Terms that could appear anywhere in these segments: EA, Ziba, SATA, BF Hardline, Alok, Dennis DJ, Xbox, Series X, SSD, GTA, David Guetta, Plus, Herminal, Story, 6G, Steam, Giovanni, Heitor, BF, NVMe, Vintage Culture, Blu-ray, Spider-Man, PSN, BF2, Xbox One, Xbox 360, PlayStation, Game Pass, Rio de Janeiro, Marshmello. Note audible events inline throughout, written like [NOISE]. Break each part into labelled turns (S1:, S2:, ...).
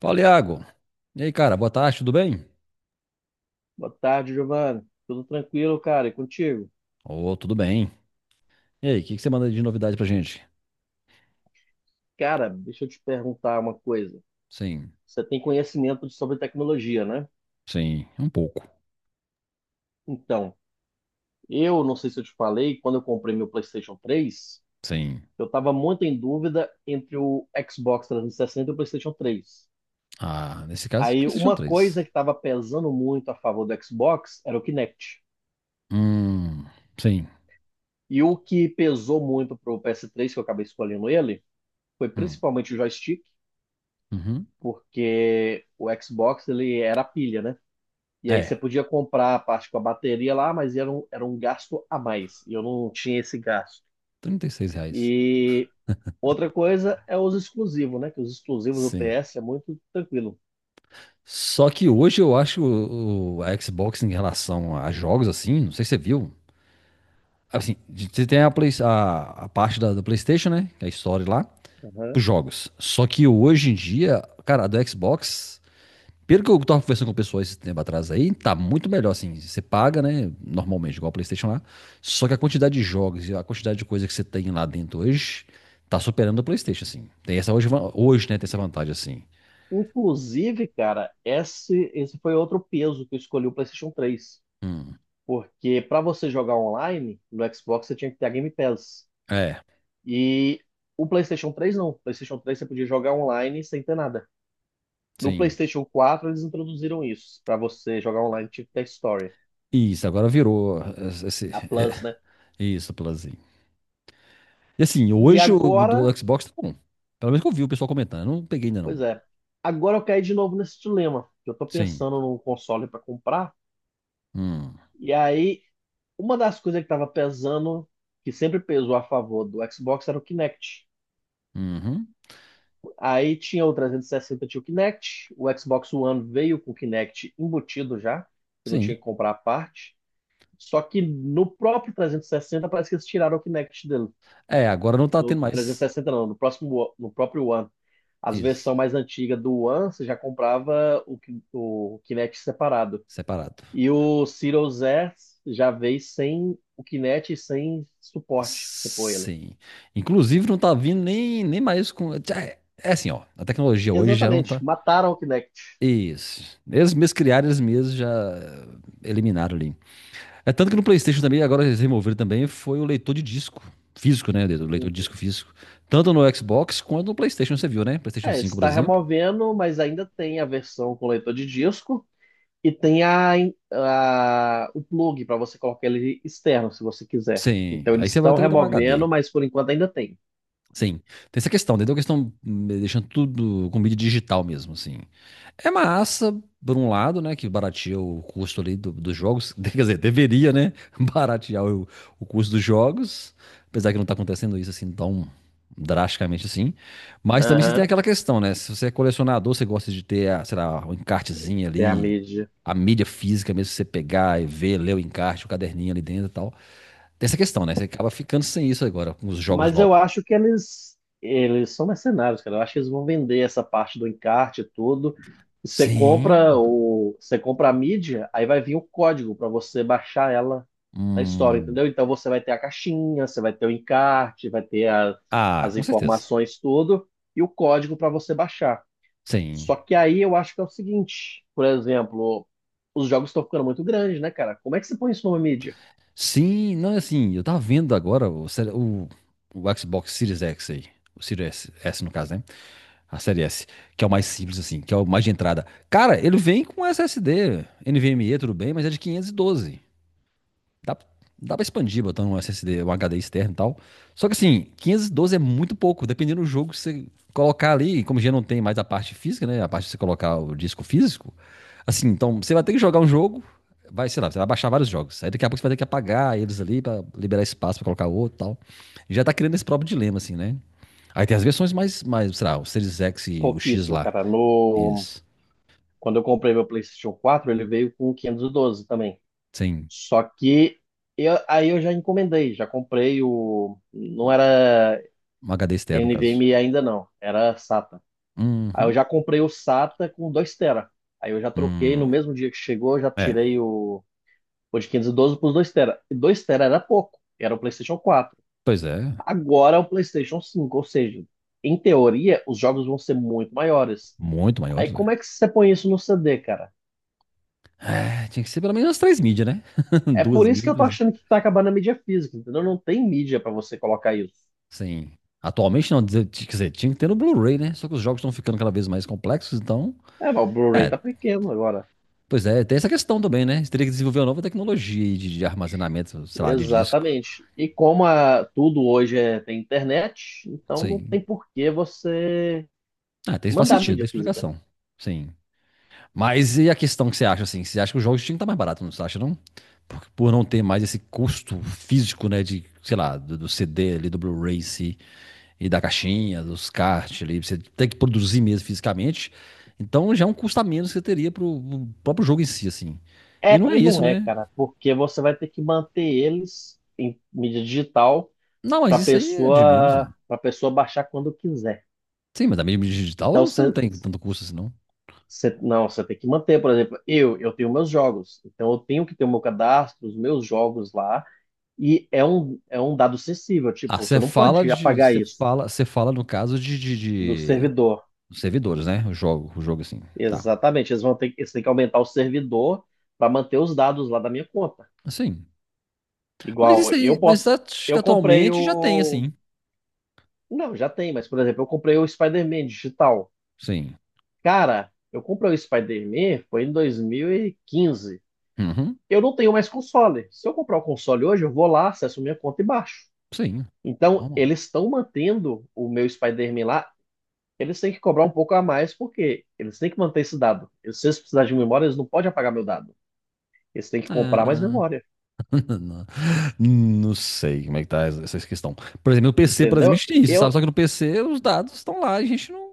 S1: Fala, Iago. E aí, cara, boa tarde, tudo bem?
S2: Boa tarde, Giovanni. Tudo tranquilo, cara? E contigo?
S1: Ô, tudo bem. E aí, o que que você manda de novidade pra gente?
S2: Cara, deixa eu te perguntar uma coisa.
S1: Sim,
S2: Você tem conhecimento sobre tecnologia, né?
S1: sim, um pouco.
S2: Então, eu não sei se eu te falei, quando eu comprei meu PlayStation 3,
S1: Sim.
S2: eu estava muito em dúvida entre o Xbox 360 e sessenta e o PlayStation 3.
S1: Ah, nesse caso,
S2: Aí,
S1: PlayStation
S2: uma coisa
S1: 3.
S2: que estava pesando muito a favor do Xbox era o Kinect.
S1: Hum, sim.
S2: E o que pesou muito para pro PS3, que eu acabei escolhendo ele, foi
S1: Hum,
S2: principalmente o joystick,
S1: uhum.
S2: porque o Xbox ele era a pilha, né? E aí você
S1: É,
S2: podia comprar a parte com a bateria lá, mas era um gasto a mais. E eu não tinha esse gasto.
S1: R$ 36.
S2: E outra coisa é os exclusivos, né? Que os exclusivos do
S1: Sim.
S2: PS é muito tranquilo.
S1: Só que hoje eu acho a Xbox em relação a jogos, assim, não sei se você viu. Assim, de- você tem a, Play- a parte da PlayStation, né? Que é a história lá,
S2: Aham.
S1: pros jogos. Só que hoje em dia, cara, a do Xbox. Pelo que eu tava conversando com pessoas esse tempo atrás aí, tá muito melhor, assim. Você paga, né? Normalmente, igual o PlayStation lá. Só que a quantidade de jogos e a quantidade de coisa que você tem lá dentro hoje tá superando o PlayStation, assim. Tem essa hoje, va- hoje né? Tem essa vantagem, assim.
S2: Inclusive, cara, esse foi outro peso que eu escolhi o PlayStation 3,
S1: Hum,
S2: porque para você jogar online no Xbox, você tinha que ter a Game Pass.
S1: é,
S2: E o PlayStation 3 não. O PlayStation 3 você podia jogar online sem ter nada. No
S1: sim.
S2: PlayStation 4 eles introduziram isso. Para você jogar online tinha que ter Story,
S1: Isso, agora virou. Esse,
S2: a Plus, né?
S1: [LAUGHS] isso, Plazinho. E assim,
S2: E
S1: hoje o
S2: agora,
S1: do Xbox tá bom. Pelo menos que eu vi o pessoal comentando. Eu não peguei ainda,
S2: pois
S1: não.
S2: é, agora eu caí de novo nesse dilema. Que eu tô
S1: Sim.
S2: pensando num console para comprar,
S1: Hum,
S2: e aí uma das coisas que tava pesando, que sempre pesou a favor do Xbox, era o Kinect.
S1: uhum,
S2: Aí tinha o 360, tinha o Kinect, o Xbox One veio com o Kinect embutido já, você não tinha
S1: sim.
S2: que comprar a parte. Só que no próprio 360 parece que eles tiraram o Kinect dele.
S1: É, agora não tá
S2: No
S1: tendo
S2: trezentos
S1: mais.
S2: e sessenta não, no próximo, no próprio One. As
S1: Isso.
S2: versões mais antigas do One, você já comprava o Kinect separado.
S1: Separado.
S2: E o Series X já veio sem o Kinect e sem suporte, pra você pôr ele.
S1: Sim. Inclusive, não tá vindo nem, nem mais com. É assim, ó. A tecnologia hoje já não
S2: Exatamente,
S1: tá.
S2: mataram o Kinect.
S1: Isso. Eles mesmos criaram, eles mesmos já eliminaram ali. É tanto que no PlayStation também, agora eles removeram também, foi o leitor de disco físico, né? O leitor de disco físico. Tanto no Xbox quanto no PlayStation, você viu, né? PlayStation
S2: É,
S1: cinco por
S2: está
S1: exemplo.
S2: removendo, mas ainda tem a versão com leitor de disco e tem o plug para você colocar ele externo, se você quiser.
S1: Sim.
S2: Então
S1: Aí
S2: eles
S1: você vai
S2: estão
S1: ter que dar um
S2: removendo,
S1: HD.
S2: mas por enquanto ainda tem.
S1: Sim, tem essa questão, entendeu? A questão deixando tudo com mídia digital mesmo, assim. É massa, por um lado, né, que barateia o custo ali do- dos jogos, [LAUGHS] quer dizer, deveria, né, [LAUGHS] baratear o custo dos jogos, apesar que não tá acontecendo isso assim tão drasticamente assim. Mas também você tem
S2: Aham.
S1: aquela questão, né, se você é colecionador, você gosta de ter, a, sei lá, um encartezinho
S2: Tem a
S1: ali,
S2: mídia.
S1: a mídia física mesmo, você pegar e ver, ler o encarte, o caderninho ali dentro e tal. Tem essa questão, né, você acaba ficando sem isso agora com os jogos
S2: Mas eu
S1: novos.
S2: acho que eles são mercenários, cara. Eu acho que eles vão vender essa parte do encarte e tudo. Você compra
S1: Sim.
S2: você compra a mídia, aí vai vir o código para você baixar ela na história,
S1: Hum.
S2: entendeu? Então você vai ter a caixinha, você vai ter o encarte, vai ter
S1: Ah,
S2: as
S1: com certeza.
S2: informações tudo e o código para você baixar. Só
S1: Sim.
S2: que aí eu acho que é o seguinte, por exemplo, os jogos estão ficando muito grandes, né, cara? Como é que você põe isso numa mídia?
S1: Sim, não é assim. Eu tava vendo agora o, série- o Xbox Series X aí. O Series S, no caso, né? A série S, que é o mais simples, assim, que é o mais de entrada. Cara, ele vem com SSD, NVMe, tudo bem, mas é de 512. Dá, dá pra expandir botando um SSD, um HD externo e tal. Só que assim, 512 é muito pouco, dependendo do jogo que você colocar ali, como já não tem mais a parte física, né? A parte de você colocar o disco físico. Assim, então você vai ter que jogar um jogo, vai, sei lá, você vai baixar vários jogos. Aí daqui a pouco você vai ter que apagar eles ali pra liberar espaço pra colocar outro e tal. E já tá criando esse próprio dilema, assim, né? Aí tem as versões mais, mais, sei lá, o Series X e o X
S2: Pouquíssimo,
S1: lá.
S2: cara. No
S1: Eles,
S2: Quando eu comprei meu PlayStation 4, ele veio com 512 também.
S1: sem
S2: Só que aí eu já encomendei, já comprei o. Não era
S1: um HD externo, no caso.
S2: NVMe ainda não, era SATA. Aí eu
S1: Uhum.
S2: já comprei o SATA com 2 tera. Aí eu já troquei no
S1: Hum.
S2: mesmo dia que chegou, eu já
S1: É,
S2: tirei o de 512 para os 2 tera. E 2 tera era pouco, era o PlayStation 4.
S1: pois é.
S2: Agora é o PlayStation 5, ou seja, em teoria, os jogos vão ser muito maiores.
S1: Muito
S2: Aí
S1: maiores,
S2: como
S1: né?
S2: é que você põe isso no CD, cara?
S1: É, tinha que ser pelo menos umas três mídias, né? [LAUGHS]
S2: É por
S1: Duas
S2: isso que
S1: mídias,
S2: eu tô
S1: três.
S2: achando que tá acabando a mídia física, entendeu? Não tem mídia pra você colocar isso.
S1: Sim. Atualmente não, dizer- quer dizer, tinha que ter no Blu-ray, né? Só que os jogos estão ficando cada vez mais complexos, então.
S2: É, mas o Blu-ray
S1: É,
S2: tá pequeno agora.
S1: pois é, tem essa questão também, né? Você teria que desenvolver uma nova tecnologia aí de armazenamento, sei lá, de disco.
S2: Exatamente. E como tudo hoje é, tem internet, então não
S1: Sim.
S2: tem por que você
S1: Ah, tem, faz
S2: mandar
S1: sentido,
S2: mídia
S1: tem
S2: física.
S1: explicação. Sim. Mas e a questão que você acha, assim? Você acha que os jogos tinham que estar mais baratos, não você acha, não? Por não ter mais esse custo físico, né? De, sei lá, do CD ali, do Blu-ray em si. E da caixinha, dos kart ali, você tem que produzir mesmo fisicamente. Então já é um custo a menos que você teria pro, pro próprio jogo em si, assim. E
S2: É
S1: não é
S2: e
S1: isso,
S2: não é,
S1: né?
S2: cara, porque você vai ter que manter eles em mídia digital
S1: Não, mas
S2: para
S1: isso aí é de menos, né?
S2: pessoa para pessoa baixar quando quiser.
S1: Sim, mas da mídia digital
S2: Então
S1: você não tem tanto custo assim, não.
S2: não, você tem que manter, por exemplo, eu tenho meus jogos, então eu tenho que ter o meu cadastro, os meus jogos lá. E é um dado sensível,
S1: Ah,
S2: tipo, você
S1: você
S2: não
S1: fala
S2: pode
S1: de.
S2: apagar isso
S1: Você fala no caso de,
S2: do
S1: de,
S2: servidor.
S1: de servidores, né? O jogo assim. Tá.
S2: Exatamente, eles têm que aumentar o servidor para manter os dados lá da minha conta.
S1: Sim. Mas
S2: Igual,
S1: isso aí, mas acho que
S2: eu comprei
S1: atualmente já tem,
S2: o,
S1: assim.
S2: não, já tem, mas por exemplo, eu comprei o Spider-Man digital.
S1: Sim.
S2: Cara, eu comprei o Spider-Man foi em 2015.
S1: Uhum.
S2: Eu não tenho mais console. Se eu comprar o console hoje, eu vou lá, acesso minha conta e baixo.
S1: Sim.
S2: Então,
S1: Normal.
S2: eles estão mantendo o meu Spider-Man lá. Eles têm que cobrar um pouco a mais porque eles têm que manter esse dado. E se eles precisarem de memória, eles não podem apagar meu dado. Eles têm que comprar mais
S1: É...
S2: memória.
S1: [LAUGHS] Não, não sei como é que tá essa questão. Por exemplo, no PC, por exemplo, a
S2: Entendeu?
S1: gente tem isso, sabe?
S2: Eu.
S1: Só que no PC os dados estão lá, a gente não.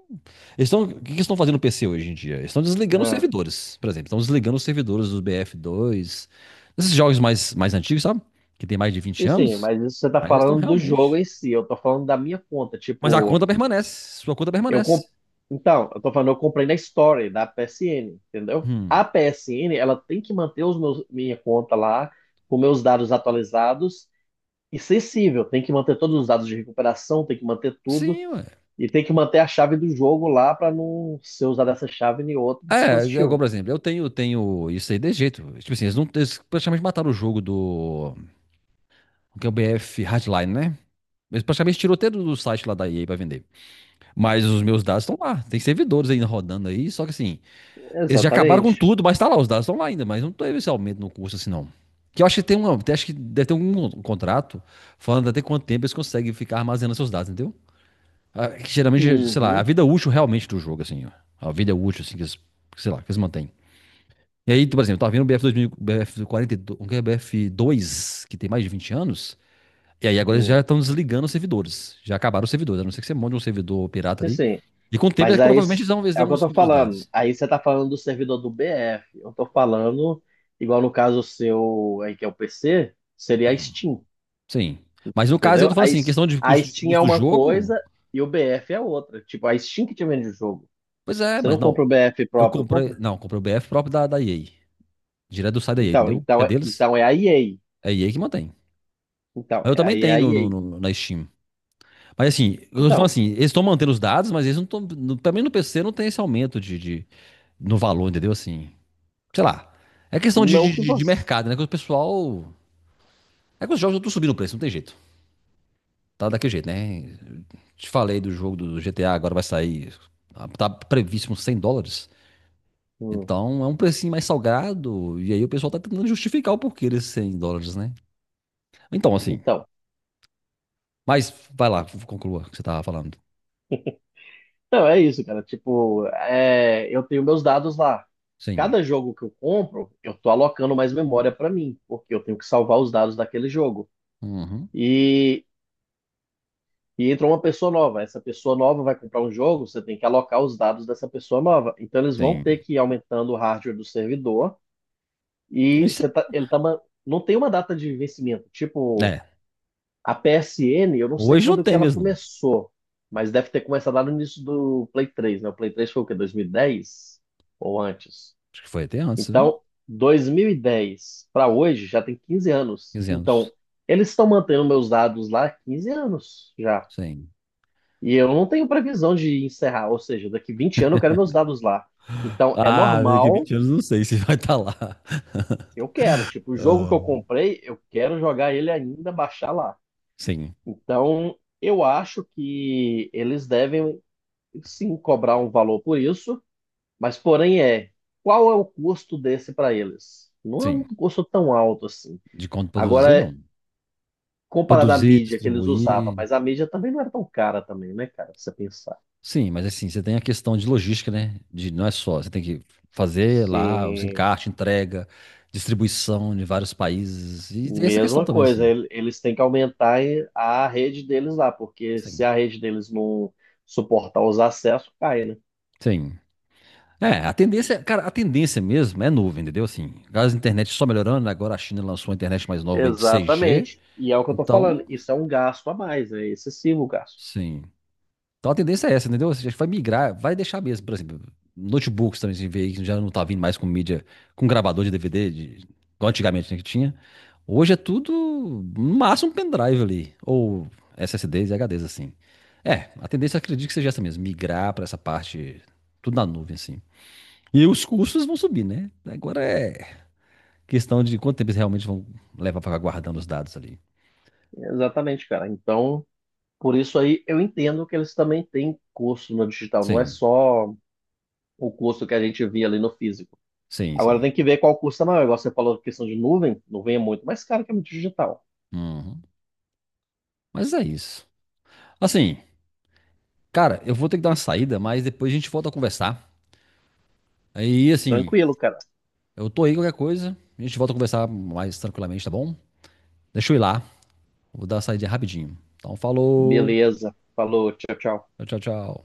S1: Eles estão... O que que eles estão fazendo no PC hoje em dia? Eles estão desligando os
S2: Ah,
S1: servidores, por exemplo. Estão desligando os servidores dos BF2, esses jogos mais, mais antigos, sabe? Que tem mais de 20
S2: sim, sim,
S1: anos.
S2: mas isso você tá
S1: Aí eles estão
S2: falando do jogo
S1: realmente.
S2: em si. Eu tô falando da minha conta.
S1: Mas a
S2: Tipo,
S1: conta permanece. Sua conta
S2: eu comp...
S1: permanece.
S2: Então, eu tô falando, eu comprei na Story da PSN, entendeu?
S1: Hum.
S2: A PSN, ela tem que manter os meus, minha conta lá, com meus dados atualizados e sensível. Tem que manter todos os dados de recuperação, tem que manter tudo.
S1: Sim, ué.
S2: E tem que manter a chave do jogo lá para não ser usada essa chave em outro
S1: É, é igual, por
S2: dispositivo.
S1: exemplo, eu tenho, tenho isso aí de jeito. Tipo assim, eles, não, eles praticamente mataram o jogo do. O que é o BF Hardline, né? Mas praticamente tirou até do site lá da EA pra vender. Mas os meus dados estão lá. Tem servidores ainda rodando aí. Só que assim, eles já acabaram com
S2: Exatamente.
S1: tudo, mas tá lá, os dados estão lá ainda. Mas não teve esse aumento no curso assim, não. Que eu acho que tem uma, acho que deve ter um contrato falando até quanto tempo eles conseguem ficar armazenando seus dados, entendeu? Ah, que geralmente, sei lá, a
S2: Uhum,
S1: vida útil realmente do jogo, assim, ó. A vida útil, assim, que eles, sei lá, que eles mantêm. E aí, por exemplo, tá vendo o BF2000, BF42, o que é bf dois que tem mais de 20 anos. E aí agora eles já
S2: uhum.
S1: estão desligando os servidores. Já acabaram os servidores, a não ser que você monte um servidor pirata
S2: Sim,
S1: ali.
S2: sim.
S1: E com o tempo, é
S2: Mas
S1: que
S2: aí
S1: provavelmente eles
S2: é o que
S1: vão
S2: eu tô
S1: excluir os
S2: falando.
S1: dados.
S2: Aí você tá falando do servidor do BF. Eu tô falando, igual no caso seu aí que é o PC, seria a Steam,
S1: Sim. Mas no caso, eu
S2: entendeu?
S1: tô falando
S2: A,
S1: assim,
S2: S-
S1: questão
S2: a
S1: de
S2: Steam é
S1: custo do
S2: uma
S1: jogo,
S2: coisa e o BF é outra. Tipo, a Steam que te vende o jogo.
S1: pois é,
S2: Você
S1: mas
S2: não
S1: não.
S2: compra o BF
S1: Eu
S2: próprio,
S1: comprei,
S2: compra?
S1: não, comprei o BF próprio da EA. Direto do site da EA,
S2: Então,
S1: entendeu? Que
S2: então,
S1: é
S2: é-
S1: deles,
S2: então é a EA.
S1: é a EA que mantém.
S2: Então,
S1: Mas eu também
S2: aí é
S1: tenho
S2: a
S1: no, no-
S2: EA.
S1: no- na Steam. Mas assim, eu tô falando
S2: Então,
S1: assim, eles estão mantendo os dados, mas eles não estão. Também no PC não tem esse aumento de- no valor, entendeu? Assim, sei lá. É questão de,
S2: não
S1: de,
S2: que
S1: de- de
S2: você.
S1: mercado, né? Que o pessoal É que os jogos não estão subindo o preço, não tem jeito. Tá daquele jeito, né? Te falei do jogo do GTA, agora vai sair. Ah, tá previsto uns 100 dólares.
S2: Hum,
S1: Então é um precinho mais salgado. E aí o pessoal tá tentando justificar o porquê desses 100 dólares, né? Então, assim.
S2: então,
S1: Mas vai lá, conclua o que você tava falando.
S2: então é isso, cara. Tipo, é, eu tenho meus dados lá.
S1: Sim.
S2: Cada jogo que eu compro, eu tô alocando mais memória pra mim, porque eu tenho que salvar os dados daquele jogo.
S1: Uhum.
S2: E, e entra uma pessoa nova. Essa pessoa nova vai comprar um jogo, você tem que alocar os dados dessa pessoa nova. Então eles vão
S1: Sim.
S2: ter que ir aumentando o hardware do servidor e
S1: Isso
S2: você tá, ele tá, ma- não tem uma data de vencimento.
S1: é.
S2: Tipo,
S1: é.
S2: a PSN, eu não sei
S1: Hoje não
S2: quando que
S1: tem
S2: ela
S1: mesmo, não.
S2: começou, mas deve ter começado lá no início do Play 3, né? O Play 3 foi o quê? 2010 ou antes?
S1: Acho que foi até antes, viu?
S2: Então, 2010 para hoje já tem 15 anos.
S1: 15
S2: Então,
S1: anos.
S2: eles estão mantendo meus dados lá há 15 anos já.
S1: Sim.
S2: E eu não tenho previsão de encerrar, ou seja, daqui 20 anos eu quero meus dados lá. Então, é
S1: Ah, daqui a
S2: normal,
S1: 20 anos não sei se vai estar lá.
S2: eu quero. Tipo, o jogo que eu comprei, eu quero jogar ele ainda, baixar lá.
S1: Sim,
S2: Então, eu acho que eles devem sim cobrar um valor por isso, mas porém é, qual é o custo desse para eles? Não é um
S1: sim.
S2: custo tão alto assim.
S1: De quanto produzir,
S2: Agora,
S1: não.
S2: comparado à
S1: Produzir,
S2: mídia que eles usavam,
S1: distribuir.
S2: mas a mídia também não era tão cara também, né, cara, se você pensar.
S1: Sim, mas assim, você tem a questão de logística, né? De não é só, você tem que fazer lá os
S2: Sim,
S1: encartes, entrega, distribuição em vários países. E tem essa questão
S2: mesma
S1: também,
S2: coisa,
S1: assim.
S2: eles têm que aumentar a rede deles lá, porque se
S1: Sim.
S2: a rede deles não suportar os acessos, cai, né?
S1: Sim. É, a tendência, cara, a tendência mesmo é nuvem, entendeu? Assim, as internet só melhorando, né? Agora a China lançou uma internet mais nova aí de 6G.
S2: Exatamente. E é o que eu tô falando,
S1: Então,
S2: isso é um gasto a mais, é excessivo o gasto.
S1: sim. Então a tendência é essa, entendeu? Ou seja, vai migrar, vai deixar mesmo, por exemplo, notebooks também, a gente vê que já não tá vindo mais com mídia, com gravador de DVD, de, igual antigamente né, que tinha. Hoje é tudo, no máximo, um pendrive ali, ou SSDs e HDs, assim. É, a tendência eu acredito que seja essa mesmo, migrar para essa parte, tudo na nuvem, assim. E os custos vão subir, né? Agora é questão de quanto tempo eles realmente vão levar para guardando os dados ali.
S2: Exatamente, cara. Então, por isso aí eu entendo que eles também têm curso no digital, não é
S1: Sim,
S2: só o curso que a gente via ali no físico.
S1: sim,
S2: Agora
S1: sim.
S2: tem que ver qual custa maior. Igual você falou da questão de nuvem, nuvem é muito mais caro que a digital.
S1: Uhum. Mas é isso. Assim, cara, eu vou ter que dar uma saída, mas depois a gente volta a conversar. Aí, assim,
S2: Tranquilo, cara.
S1: eu tô aí qualquer coisa. A gente volta a conversar mais tranquilamente, tá bom? Deixa eu ir lá. Vou dar uma saída rapidinho. Então, falou.
S2: Beleza. Falou, tchau, tchau.
S1: Tchau, tchau, tchau.